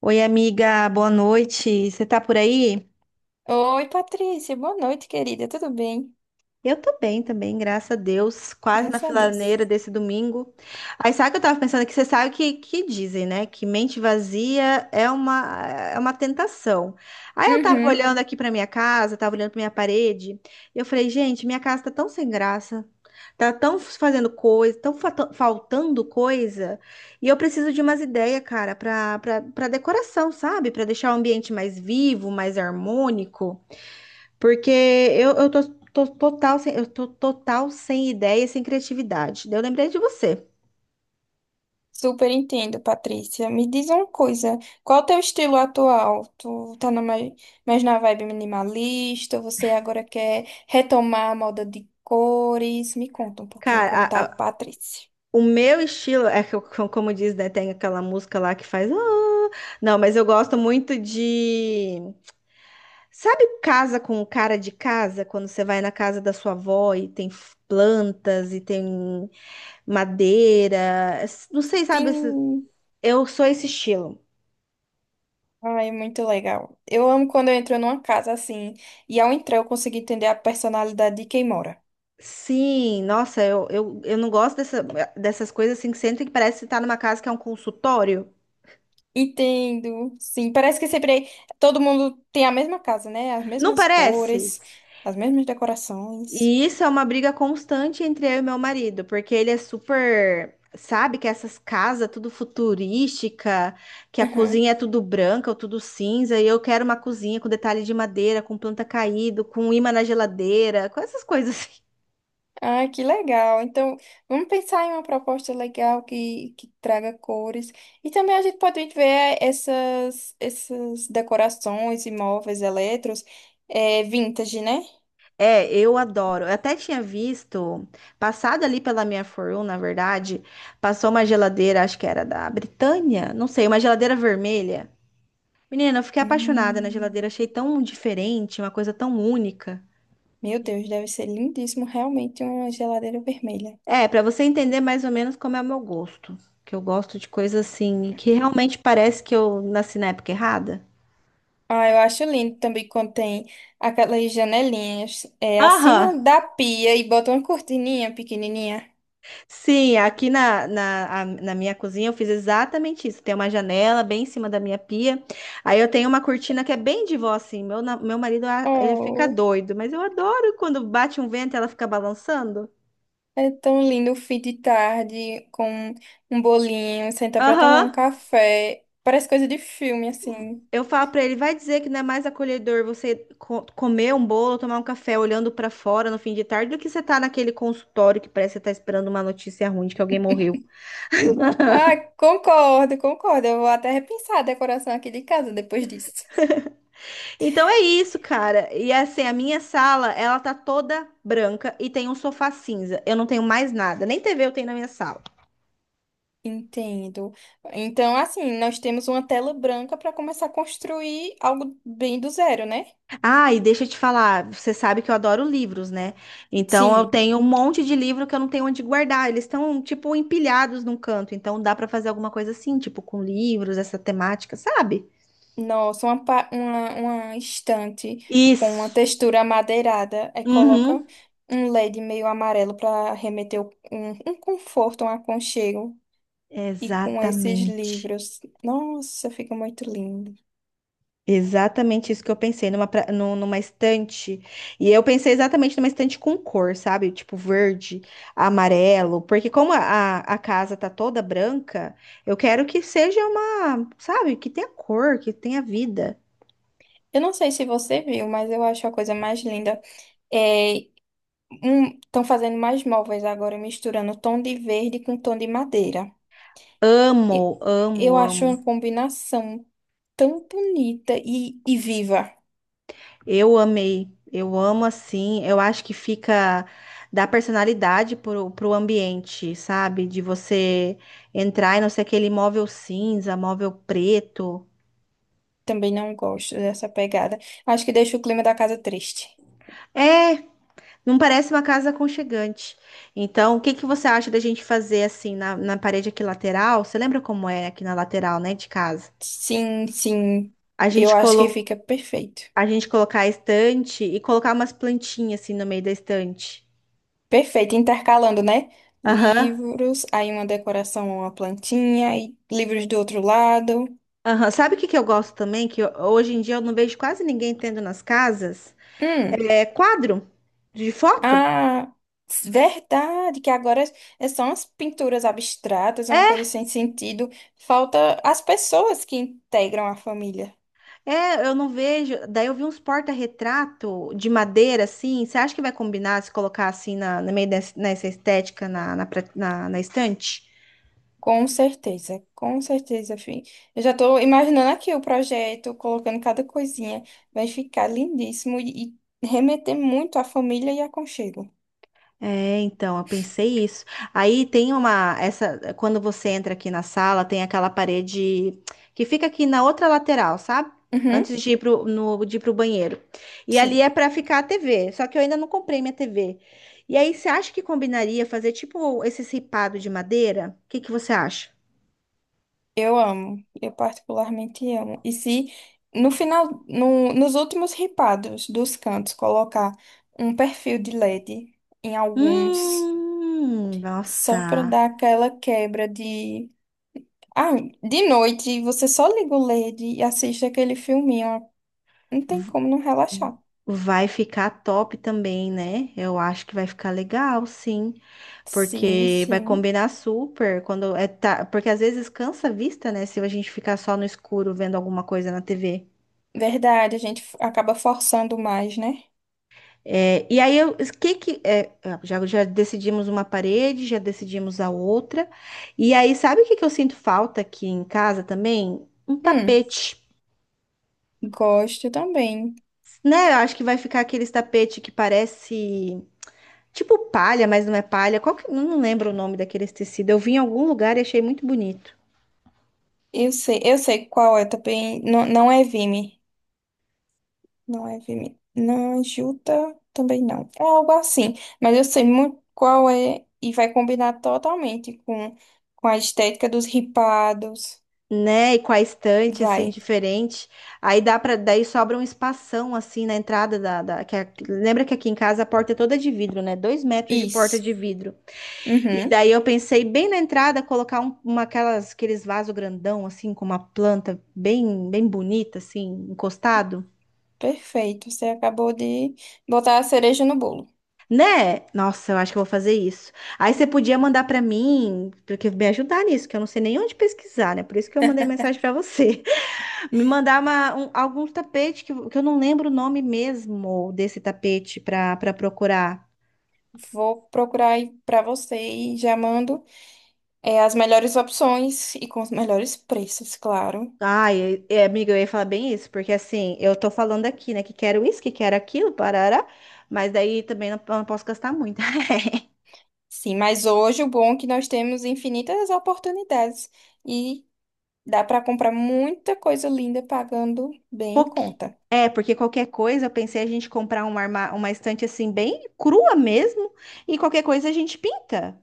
Oi, amiga, boa noite. Você tá por aí? Oi, Patrícia. Boa noite, querida. Tudo bem? Eu tô bem também, graças a Deus. Quase na Graças a Deus. filaneira desse domingo. Aí sabe o que eu tava pensando? Que você sabe que dizem, né? Que mente vazia é uma tentação. Aí eu tava Uhum. olhando aqui pra minha casa, tava olhando pra minha parede. E eu falei, gente, minha casa tá tão sem graça. Tá tão fazendo coisa, faltando coisa. E eu preciso de umas ideias, cara, pra decoração, sabe? Pra deixar o ambiente mais vivo, mais harmônico. Porque tô total sem, eu tô total sem ideia e sem criatividade. Daí eu lembrei de você. Super entendo, Patrícia. Me diz uma coisa. Qual o teu estilo atual? Mais na vibe minimalista? Você agora quer retomar a moda de cores? Me conta um pouquinho Cara, como tá a Patrícia. o meu estilo é que, como diz, né? Tem aquela música lá que faz. "Ah." Não, mas eu gosto muito de. Sabe casa com cara de casa? Quando você vai na casa da sua avó e tem plantas e tem madeira. Não sei, sabe? Sim. Eu sou esse estilo. Ai, muito legal. Eu amo quando eu entro numa casa assim e ao entrar eu consigo entender a personalidade de quem mora. Sim, nossa, eu não gosto dessa, dessas coisas assim que sentem que parece estar numa casa que é um consultório. Entendo, sim. Parece que sempre todo mundo tem a mesma casa, né? As Não mesmas parece? cores, as mesmas decorações. E isso é uma briga constante entre eu e meu marido, porque ele é super, sabe, que essas casas tudo futurística, que a Aham. cozinha é tudo branca ou tudo cinza, e eu quero uma cozinha com detalhe de madeira, com planta caído, com imã na geladeira, com essas coisas assim. Ah, que legal. Então, vamos pensar em uma proposta legal que traga cores. E também a gente pode ver essas decorações, imóveis, eletros, vintage, né? É, eu adoro. Eu até tinha visto, passado ali pela minha For You, na verdade, passou uma geladeira, acho que era da Britânia, não sei, uma geladeira vermelha. Menina, eu fiquei apaixonada na geladeira, Hum, achei tão diferente, uma coisa tão única. meu Deus, deve ser lindíssimo realmente uma geladeira vermelha. É, pra você entender mais ou menos como é o meu gosto, que eu gosto de coisa assim, que realmente parece que eu nasci na época errada. Ah, eu acho lindo também quando tem aquelas janelinhas Aham, acima da pia e bota uma cortininha pequenininha. sim, aqui na minha cozinha eu fiz exatamente isso. Tem uma janela bem em cima da minha pia. Aí eu tenho uma cortina que é bem de vó, assim. Meu, meu marido, ah, ele fica Oh, doido, mas eu adoro quando bate um vento e ela fica balançando. é tão lindo o fim de tarde com um bolinho, sentar pra tomar um Aham. café. Parece coisa de filme, assim. Eu falo pra ele, vai dizer que não é mais acolhedor você comer um bolo, tomar um café olhando pra fora no fim de tarde do que você tá naquele consultório que parece que você tá esperando uma notícia ruim de que alguém morreu. Ah, concordo, concordo. Eu vou até repensar a decoração aqui de casa depois disso. Então é isso, cara. E assim, a minha sala, ela tá toda branca e tem um sofá cinza. Eu não tenho mais nada, nem TV eu tenho na minha sala. Entendo. Então, assim, nós temos uma tela branca para começar a construir algo bem do zero, né? Ah, e deixa eu te falar, você sabe que eu adoro livros, né? Então eu Sim. tenho um monte de livro que eu não tenho onde guardar. Eles estão tipo empilhados num canto, então dá pra fazer alguma coisa assim, tipo com livros, essa temática, sabe? Nossa, uma estante com uma Isso. textura amadeirada. Aí coloca um Uhum. LED meio amarelo para remeter um conforto, um aconchego. E com esses Exatamente. livros. Nossa, fica muito lindo. Exatamente isso que eu pensei, numa estante. E eu pensei exatamente numa estante com cor, sabe? Tipo verde, amarelo. Porque como a casa tá toda branca, eu quero que seja uma, sabe? Que tenha cor, que tenha vida. Eu não sei se você viu, mas eu acho a coisa mais linda. É, estão fazendo mais móveis agora, misturando tom de verde com tom de madeira. E- Amo, amo, Eu acho uma amo. combinação tão bonita e viva. Eu amei. Eu amo assim. Eu acho que fica. Dá personalidade pro ambiente, sabe? De você entrar e não ser aquele móvel cinza, móvel preto. Também não gosto dessa pegada. Acho que deixa o clima da casa triste. É. Não parece uma casa aconchegante. Então, o que que você acha da gente fazer assim na parede aqui lateral? Você lembra como é aqui na lateral, né, de casa? Sim, sim. A Eu gente acho que colo... fica perfeito. a gente colocar a estante e colocar umas plantinhas assim no meio da estante. Perfeito, intercalando, né? Aham. Livros, aí uma decoração, uma plantinha, e livros do outro lado. Aham. Sabe o que que eu gosto também? Que eu- hoje em dia eu não vejo quase ninguém tendo nas casas? Hum, É quadro de foto. ah, verdade, que agora são as pinturas abstratas, é uma coisa sem sentido. Falta as pessoas que integram a família. É, eu não vejo. Daí eu vi uns porta-retrato de madeira, assim. Você acha que vai combinar se colocar assim no meio dessa, nessa estética na estante? Com certeza, fi. Eu já estou imaginando aqui o projeto, colocando cada coisinha. Vai ficar lindíssimo e remeter muito à família e aconchego. É, então, eu pensei isso. Aí tem uma, essa, quando você entra aqui na sala, tem aquela parede que fica aqui na outra lateral, sabe? Uhum, Antes de ir pro, no, de ir pro banheiro. E sim, ali é pra ficar a TV, só que eu ainda não comprei minha TV. E aí, você acha que combinaria fazer tipo esse ripado de madeira? O que que você acha? eu amo. Eu particularmente amo. E se no final, nos últimos ripados dos cantos, colocar um perfil de LED em alguns, só para Nossa, dar aquela quebra de. Ah, de noite, você só liga o LED e assiste aquele filminho. Não tem como não relaxar. vai ficar top também, né? Eu acho que vai ficar legal, sim, Sim, porque vai sim. combinar super quando é tá, porque às vezes cansa a vista, né? Se a gente ficar só no escuro vendo alguma coisa na TV. Verdade, acaba forçando mais, né? É, e aí eu, que é, ah, já decidimos uma parede, já decidimos a outra. E aí sabe o que que eu sinto falta aqui em casa também? Um Hum, tapete. gosto também. Né, eu acho que vai ficar aqueles tapete que parece. Tipo palha, mas não é palha. Qual que... Não lembro o nome daquele tecido. Eu vi em algum lugar e achei muito bonito. Eu sei qual é também. Não, não é Vime. Não é Vime. Não, é Juta também não. É algo assim. Mas eu sei muito qual é e vai combinar totalmente com a estética dos ripados. Né? E com a estante, assim, Vai. diferente. Aí dá para Daí sobra um espação, assim, na entrada lembra que aqui em casa a porta é toda de vidro, né? 2 metros de porta Isso. de vidro. E Uhum. daí eu pensei bem na entrada colocar uma aquelas... aqueles vaso grandão, assim, com uma planta bem, bem bonita, assim, encostado. Perfeito. Você acabou de botar a cereja no bolo. Né? Nossa, eu acho que eu vou fazer isso. Aí você podia mandar pra mim, porque me ajudar nisso, que eu não sei nem onde pesquisar, né? Por isso que eu mandei mensagem pra você. Me mandar algum tapete que eu não lembro o nome mesmo desse tapete pra para procurar. Vou procurar aí pra você e já mando as melhores opções e com os melhores preços, claro. Ai, é, é, amiga, eu ia falar bem isso, porque assim, eu tô falando aqui, né, que quero isso, que quero aquilo, parará, mas daí também não, eu não posso gastar muito. Sim, mas hoje o bom é que nós temos infinitas oportunidades e dá pra comprar muita coisa linda pagando bem em Pouqui... conta. É, porque qualquer coisa, eu pensei a gente comprar uma estante assim, bem crua mesmo, e qualquer coisa a gente pinta.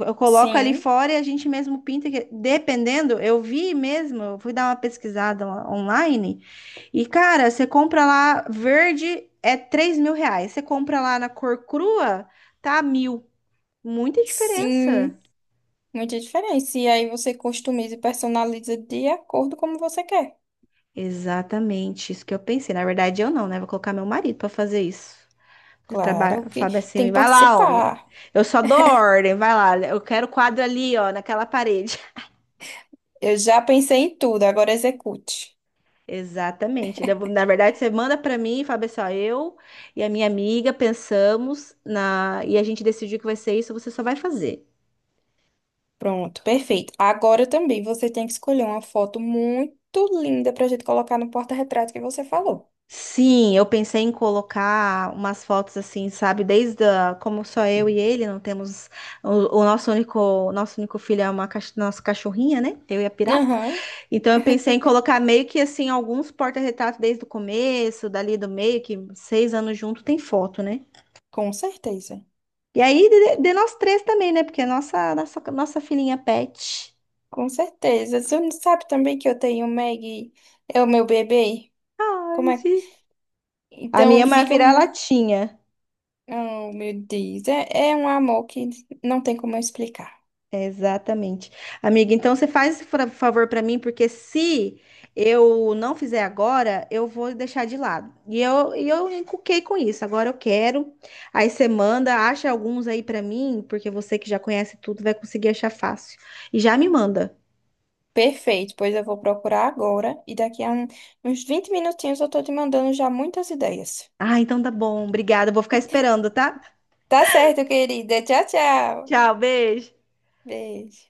Eu coloco ali Sim, fora e a gente mesmo pinta, que- dependendo, eu vi mesmo, eu fui dar uma pesquisada online, e cara, você compra lá, verde é R$ 3.000, você compra lá na cor crua, tá mil. Muita sim, diferença. muita diferença. E aí você customiza e personaliza de acordo como você quer. Exatamente, isso que eu pensei. Na verdade, eu não, né? Vou colocar meu marido pra fazer isso. Claro que Fábio é tem assim, que vai lá, homem. participar. Eu só dou ordem, vai lá. Eu quero o quadro ali, ó, naquela parede. Eu já pensei em tudo, agora execute. Exatamente. Na verdade, você manda para mim, Fábio, assim, ó, eu e a minha amiga pensamos na e a gente decidiu que vai ser isso, você só vai fazer. Pronto, perfeito. Agora também você tem que escolher uma foto muito linda pra gente colocar no porta-retrato que você falou. Sim, eu pensei em colocar umas fotos assim, sabe? Como só eu e ele, não temos o nosso único filho é uma nossa cachorrinha, né? Eu e a pirata. Aham, Então eu pensei em colocar meio que assim alguns porta-retratos desde o começo, dali do meio, que 6 anos junto tem foto, né? com certeza. E aí de nós três também, né? Porque a nossa filhinha pet. Com certeza. Você não sabe também que eu tenho o Maggie, é o meu bebê? Como Ai, é? gente. A minha Então é uma fica muito. vira-latinha. Oh, meu Deus. É, é um amor que não tem como eu explicar. Exatamente. Amiga, então você faz esse favor para mim, porque se eu não fizer agora, eu vou deixar de lado. E eu encuquei com isso. Agora eu quero. Aí você manda, acha alguns aí para mim, porque você que já conhece tudo vai conseguir achar fácil. E já me manda. Perfeito, pois eu vou procurar agora e uns 20 minutinhos eu tô te mandando já muitas ideias. Ah, então tá bom. Obrigada. Eu vou ficar esperando, tá? Tá certo, querida. Tchau, tchau. Tchau, beijo. Beijo.